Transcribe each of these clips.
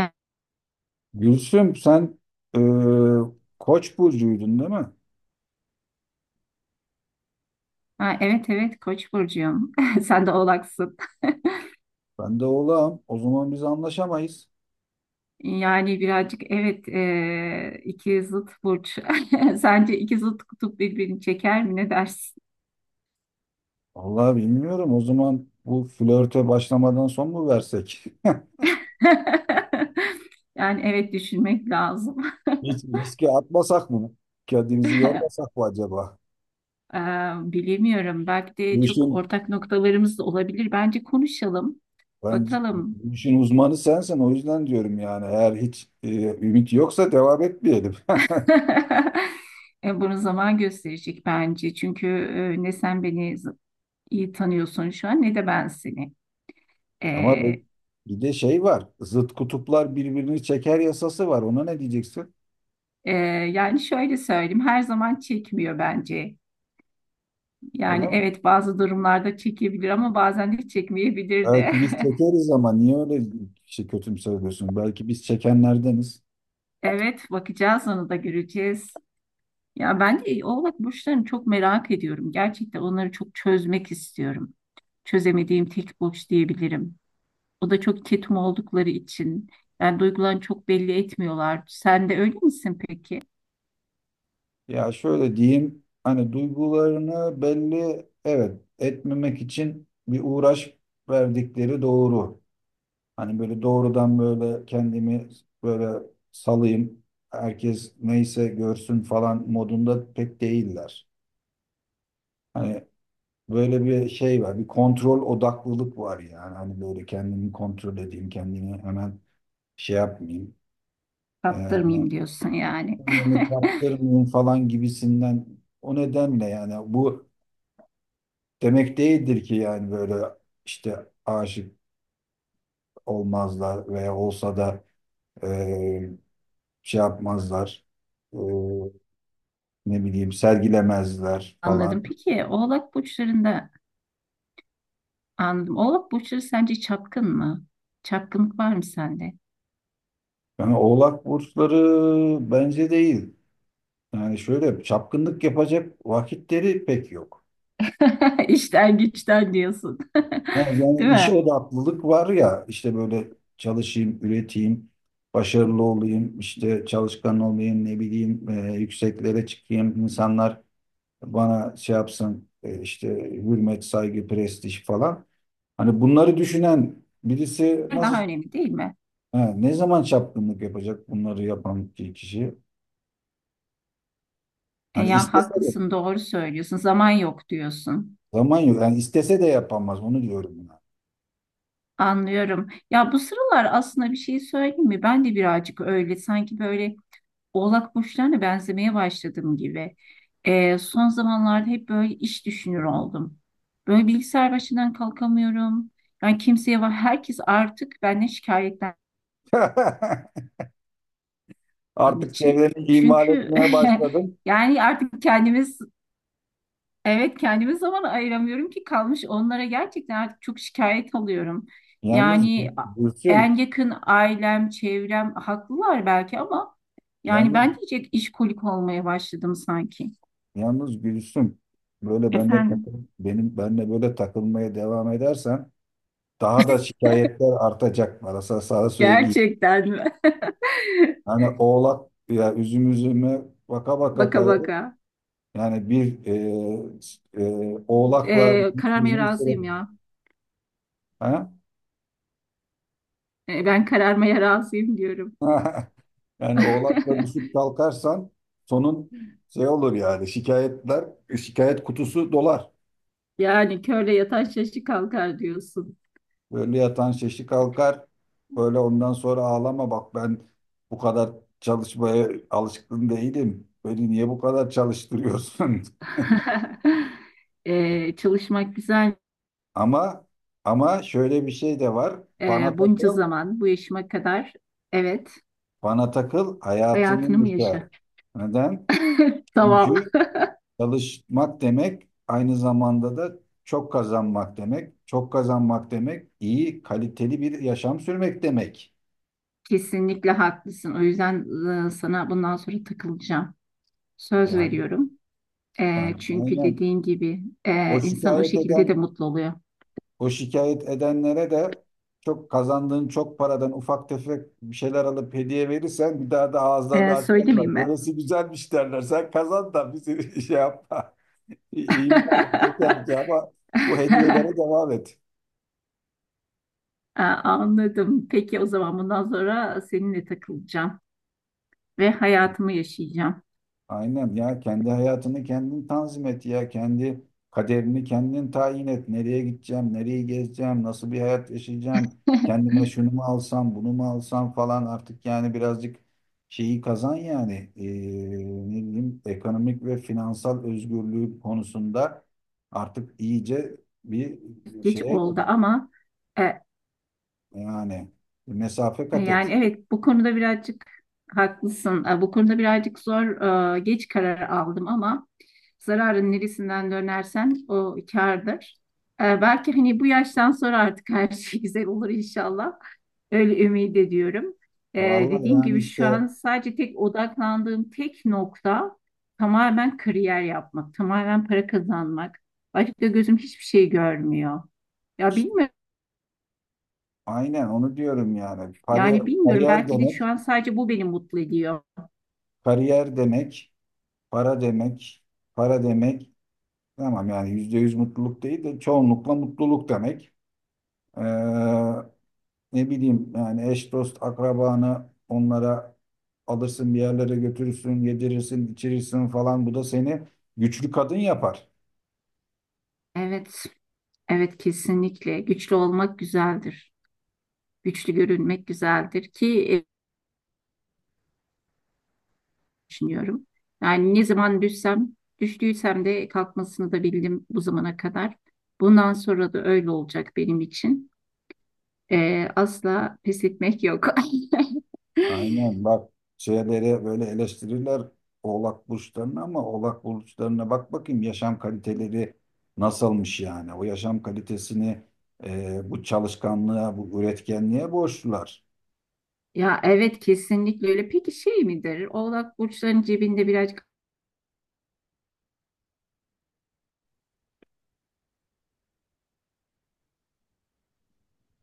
E- Gülsüm, sen e, Koç burcuydun değil mi? Ha, evet evet, Koç burcuyum. Sen de Oğlaksın. Ben de Oğlağım. O zaman biz anlaşamayız. Yani birazcık evet iki zıt burç. Sence iki zıt kutup birbirini çeker mi? Ne dersin? Vallahi bilmiyorum. O zaman bu flörte başlamadan son mu versek? Yani evet, düşünmek lazım. Hiç riske atmasak mı? Kendimizi yormasak mı acaba? Ee, bilemiyorum. Belki de Bu çok işin ortak noktalarımız da olabilir. Bence konuşalım. Bence Bakalım. bu işin uzmanı sensin. O yüzden diyorum yani eğer hiç ümit yoksa devam etmeyelim. Bunu zaman gösterecek bence. Çünkü ne sen beni iyi tanıyorsun şu an, ne de ben seni. Ama bu- Bir de şey var. Zıt kutuplar birbirini çeker yasası var. Ona ne diyeceksin? Ee, yani şöyle söyleyeyim, her zaman çekmiyor bence. Öyle Yani evet, bazı durumlarda çekebilir ama bazen de çekmeyebilir de. Belki biz çekeriz ama niye öyle şey kötümseriyorsun? Belki biz çekenlerdeniz. Evet, bakacağız, onu da göreceğiz. Ya ben de Oğlak burçlarını çok merak ediyorum. Gerçekten onları çok çözmek istiyorum. Çözemediğim tek burç diyebilirim. O da çok ketum oldukları için. Yani duygularını çok belli etmiyorlar. Sen de öyle misin peki? Ya şöyle diyeyim, hani duygularını belli, evet, etmemek için bir uğraş verdikleri doğru. Hani böyle doğrudan böyle kendimi böyle salayım, herkes neyse görsün falan modunda pek değiller. Hani böyle bir şey var, bir kontrol odaklılık var yani. Hani böyle kendimi kontrol edeyim, kendimi hemen şey yapmayayım. Ee, Kaptırmayayım diyorsun yani. Kendimi kaptırmayayım falan gibisinden o nedenle yani bu demek değildir ki yani böyle işte aşık olmazlar veya olsa da e, şey yapmazlar. E, Ne bileyim sergilemezler falan. Anladım. Peki Oğlak burçlarında anladım. Oğlak burçları sence çapkın mı? Çapkınlık var mı sende? Yani Oğlak burçları bence değil. Yani şöyle çapkınlık yapacak vakitleri pek yok. İşten güçten diyorsun. Ha, yani Değil işe mi? odaklılık var ya işte böyle çalışayım, üreteyim, başarılı olayım, işte çalışkan olayım, ne bileyim yükseklere çıkayım, insanlar bana şey yapsın, işte hürmet, saygı, prestij falan. Hani bunları düşünen birisi Daha nasıl, önemli değil mi? ha, ne zaman çapkınlık yapacak bunları yapan kişi? E, Hani ya istese de haklısın, doğru söylüyorsun. Zaman yok diyorsun. zaman yok. Yani istese de yapamaz onu diyorum buna. Anlıyorum. Ya bu sıralar aslında bir şey söyleyeyim mi? Ben de birazcık öyle sanki böyle Oğlak burçlarına benzemeye başladığım gibi son zamanlarda hep böyle iş düşünür oldum. Böyle bilgisayar başından kalkamıyorum. Yani kimseye var. Herkes artık benden şikayetlendiğim Artık için. çevreni ihmal Çünkü etmeye başladım. yani artık kendimiz, evet, kendime zaman ayıramıyorum, ki kalmış onlara, gerçekten artık çok şikayet alıyorum. Yalnız Yani Gülsüm, en yakın ailem, çevrem haklılar belki, ama yani yalnız ben diyecek işkolik olmaya başladım sanki. yalnız Gülsüm, böyle bende takıl, Efendim. benim benle böyle takılmaya devam edersen daha da şikayetler artacak bana, sana, sana söyleyeyim. Gerçekten mi? Yani oğlak ya, üzüm üzüme baka baka Baka kararır. baka. Yani bir oğlakla Kararmaya uzun süre, razıyım ya. ha? Ben kararmaya razıyım diyorum. Yani oğlakla düşüp kalkarsan sonun şey olur yani şikayetler, şikayet kutusu dolar. Yani körle yatan şaşı kalkar diyorsun. Böyle yatan şeşi kalkar. Böyle ondan sonra ağlama bak, ben bu kadar çalışmaya alışkın değilim. Beni niye bu kadar çalıştırıyorsun? Çalışmak güzel. Ama ama şöyle bir şey de var. Bana Bunca takıl, zaman, bu yaşıma kadar. Evet, bana takıl, hayatını hayatını mı yaşa. yaşa? Neden? Tamam. Çünkü çalışmak demek aynı zamanda da çok kazanmak demek. Çok kazanmak demek iyi, kaliteli bir yaşam sürmek demek. Kesinlikle haklısın. O yüzden sana bundan sonra takılacağım. Söz Yani, veriyorum. yani E, çünkü aynen. dediğin gibi O insan o şikayet şekilde de eden mutlu oluyor. O şikayet edenlere de çok kazandığın çok paradan ufak tefek bir şeyler alıp hediye verirsen bir daha da ağızlarını Söylemeyeyim açmazlar. mi? Böylesi güzelmiş derler. Sen kazan da bizi şey yapma. İhmal et yeter ki ama bu hediyelere devam et. Aa, anladım. Peki o zaman bundan sonra seninle takılacağım ve hayatımı yaşayacağım. Aynen, ya kendi hayatını kendin tanzim et, ya kendi kaderini kendin tayin et. Nereye gideceğim, nereyi gezeceğim, nasıl bir hayat yaşayacağım, kendime şunu mu alsam, bunu mu alsam falan, artık yani birazcık şeyi kazan yani ne bileyim, ekonomik ve finansal özgürlüğü konusunda artık iyice bir Geç şeye gir. oldu ama e, Yani mesafe kat et. yani evet, bu konuda birazcık haklısın. E, bu konuda birazcık zor, geç karar aldım ama zararın neresinden dönersen o kârdır. E, belki hani bu yaştan sonra artık her şey güzel olur inşallah. Öyle ümit ediyorum. E, Vallahi dediğim yani gibi şu işte, an sadece tek odaklandığım tek nokta tamamen kariyer yapmak, tamamen para kazanmak. Başka gözüm hiçbir şey görmüyor. Ya işte bilmiyorum. aynen onu diyorum yani. Yani bilmiyorum, belki de şu an sadece bu beni mutlu ediyor. Kariyer demek, para demek, para demek tamam yani yüzde yüz mutluluk değil de çoğunlukla mutluluk demek. Ee, Ne bileyim yani eş dost akrabanı onlara alırsın, bir yerlere götürürsün, yedirirsin, içirirsin falan, bu da seni güçlü kadın yapar. Evet, evet kesinlikle. Güçlü olmak güzeldir. Güçlü görünmek güzeldir ki, düşünüyorum. Yani ne zaman düştüysem de kalkmasını da bildim bu zamana kadar. Bundan sonra da öyle olacak benim için. Asla pes etmek yok. Aynen bak, şeyleri böyle eleştirirler oğlak burçlarını ama oğlak burçlarına bak bakayım yaşam kaliteleri nasılmış yani. O yaşam kalitesini bu çalışkanlığa, bu üretkenliğe borçlular. Ya evet kesinlikle öyle. Peki şey midir? Oğlak burçların cebinde birazcık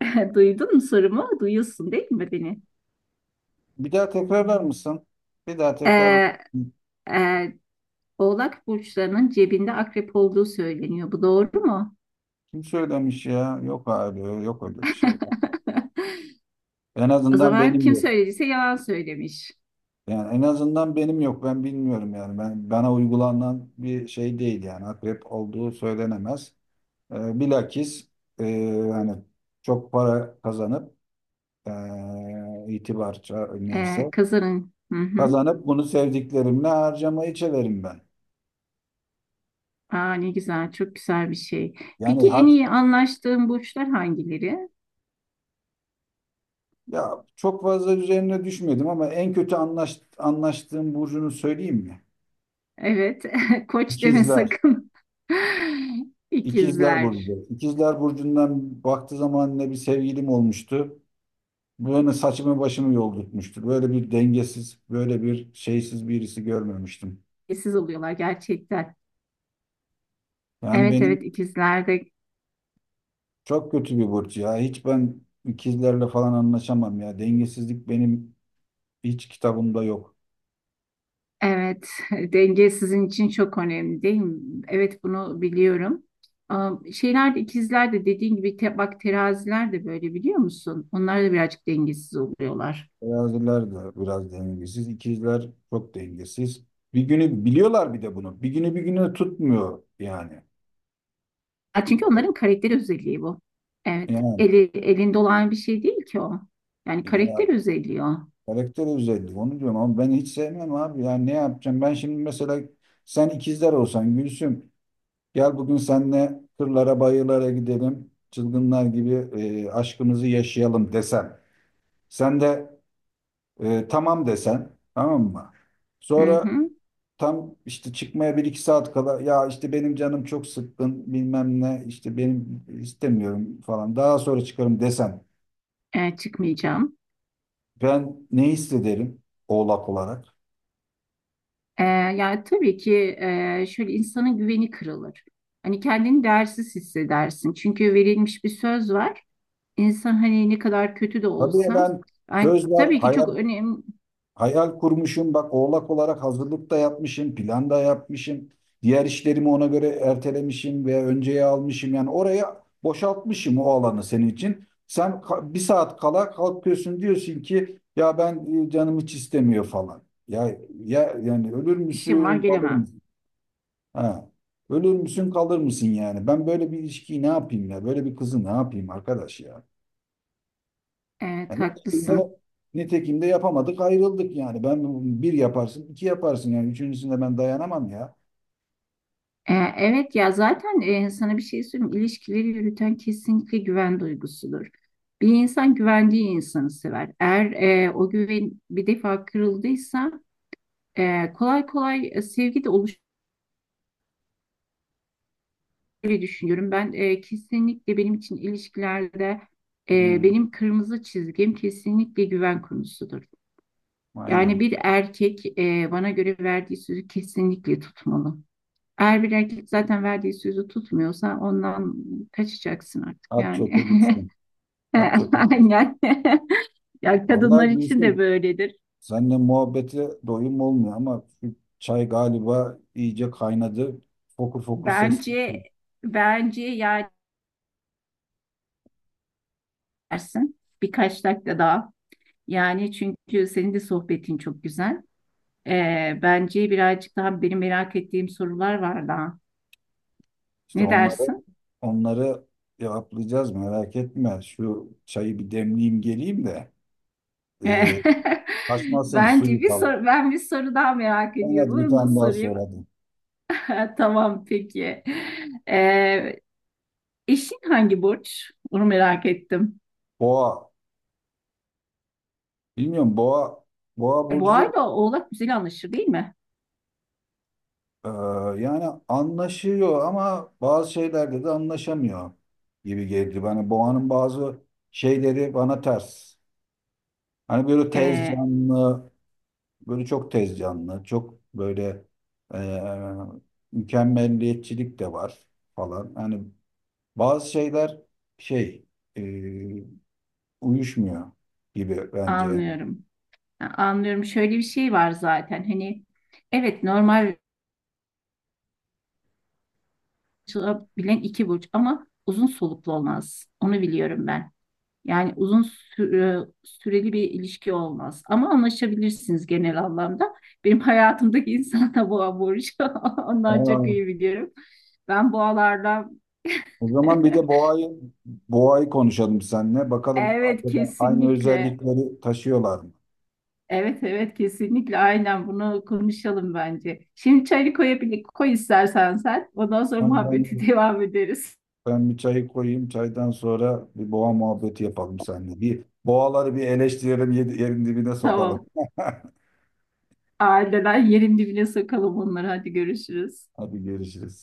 duydun mu sorumu? Duyuyorsun değil mi beni? Bir daha tekrarlar mısın? Bir daha tekrar. Ee, e, Oğlak burçlarının cebinde akrep olduğu söyleniyor. Bu doğru mu? Kim söylemiş ya? Yok abi, yok öyle bir şey. En O azından zaman benim kim yok. söylediyse yalan söylemiş. Yani en azından benim yok. Ben bilmiyorum yani. Ben, bana uygulanan bir şey değil yani. Akrep olduğu söylenemez. E, bilakis, e, hani çok para kazanıp, itibarça neyse Kazanın. Hı hı. kazanıp bunu sevdiklerimle harcamayı çeverim ben. Aa, ne güzel, çok güzel bir şey. Yani Peki en hat iyi anlaştığın burçlar hangileri? Ya çok fazla üzerine düşmedim ama en kötü anlaştığım burcunu söyleyeyim mi? Evet, koç deme İkizler. sakın. İkizler İkizler. burcu. İkizler burcundan baktığı zaman ne bir sevgilim olmuştu. Böyle saçımı başımı yoldurtmuştu. Böyle bir dengesiz, böyle bir şeysiz birisi görmemiştim. İkiz oluyorlar gerçekten. Yani Evet benim evet, ikizlerde. Çok kötü bir burç ya. Hiç ben ikizlerle falan anlaşamam ya. Dengesizlik benim hiç kitabımda yok. Evet, denge sizin için çok önemli değil mi? Evet, bunu biliyorum. Am, şeyler de ikizler de dediğin gibi bak teraziler de böyle, biliyor musun? Onlar da birazcık dengesiz oluyorlar. Teraziler de biraz dengesiz. İkizler çok dengesiz. Bir günü biliyorlar bir de bunu. Bir günü bir günü tutmuyor yani. Ha, çünkü onların karakter özelliği bu. Evet, Yani elinde olan bir şey değil ki o. Yani ya, karakter özelliği o. karakter özelliği onu diyorum ama ben hiç sevmem abi. Yani ne yapacağım? Ben şimdi mesela sen ikizler olsan Gülsüm, gel bugün seninle kırlara bayırlara gidelim. Çılgınlar gibi aşkımızı yaşayalım desem. Sen de E, tamam desen, tamam mı? Hı Sonra hı. tam işte çıkmaya bir iki saat kala ya işte benim canım çok sıkkın, bilmem ne, işte benim istemiyorum falan, daha sonra çıkarım desen E, çıkmayacağım. ben ne hissederim oğlak olarak? Yani tabii ki, şöyle insanın güveni kırılır. Hani kendini değersiz hissedersin. Çünkü verilmiş bir söz var. İnsan hani ne kadar kötü de Tabii ya olsa, ben ay, söz var tabii ki çok hayal önemli hayal kurmuşum bak, oğlak olarak hazırlık da yapmışım, plan da yapmışım. Diğer işlerimi ona göre ertelemişim veya önceye almışım. Yani oraya boşaltmışım o alanı senin için. Sen bir saat kala kalkıyorsun, diyorsun ki ya ben canım hiç istemiyor falan. Ya, ya yani ölür işim var, müsün, kalır gelemem. mısın? Ha. Ölür müsün, kalır mısın yani? Ben böyle bir ilişkiyi ne yapayım ya? Böyle bir kızı ne yapayım arkadaş ya? Evet Yani nitekim haklısın. de, nitekim de yapamadık, ayrıldık yani. Ben bir yaparsın, iki yaparsın yani. Üçüncüsünde ben dayanamam ya. Evet ya zaten, sana bir şey söyleyeyim. İlişkileri yürüten kesinlikle güven duygusudur. Bir insan güvendiği insanı sever. Eğer o güven bir defa kırıldıysa, kolay kolay sevgi de oluşur diye düşünüyorum. Ben, kesinlikle benim için ilişkilerde Hmm, benim kırmızı çizgim kesinlikle güven konusudur. Yani aynen. bir erkek, bana göre verdiği sözü kesinlikle tutmalı. Eğer bir erkek zaten verdiği sözü tutmuyorsa ondan kaçacaksın artık At, yani. çöpe gitsin. At, çöpe gitsin. Aynen. Ya kadınlar Vallahi için de Gülsüm, böyledir. seninle muhabbete doyum olmuyor ama şu çay galiba iyice kaynadı. Fokur fokur ses. Bence bence yani dersin birkaç dakika daha. Yani çünkü senin de sohbetin çok güzel. E, bence birazcık daha benim merak ettiğim sorular var daha. İşte Ne onları dersin? Onları cevaplayacağız, merak etme. Şu çayı bir demleyeyim geleyim de. E, E, kaçmasın Bence suyu bir falan. Ben bir soru daha merak Ben ediyorum. hadi, bir Onu da tane daha sorayım. soralım. Tamam peki. Ee, eşin hangi burç? Onu merak ettim. Boğa Bilmiyorum, boğa Boğa burcu, ile Oğlak güzel anlaşır değil mi? e, yani anlaşıyor ama bazı şeylerde de anlaşamıyor gibi geldi bana. Boğanın bazı şeyleri bana ters. Hani böyle tez Ee, canlı, böyle çok tez canlı, çok böyle, e, mükemmelliyetçilik de var falan. Hani bazı şeyler şey, e, uyuşmuyor gibi bence. anlıyorum. Anlıyorum. Şöyle bir şey var zaten. Hani evet, normal bilen iki burç ama uzun soluklu olmaz. Onu biliyorum ben. Yani uzun süreli bir ilişki olmaz. Ama anlaşabilirsiniz genel anlamda. Benim hayatımdaki insan da boğa burcu. Ondan çok Aa, iyi biliyorum. Ben boğalardan o zaman bir de boğayı konuşalım seninle. Bakalım evet acaba aynı kesinlikle. özellikleri taşıyorlar mı? Evet evet kesinlikle, aynen bunu konuşalım bence. Şimdi çayı koy istersen sen. Ondan sonra Yani muhabbeti ben, devam ederiz. Ben bir çayı koyayım. Çaydan sonra bir boğa muhabbeti yapalım seninle. Bir boğaları bir eleştirelim, yerin dibine sokalım. Tamam. Aileler yerin dibine sokalım onları. Hadi görüşürüz. Hadi görüşürüz.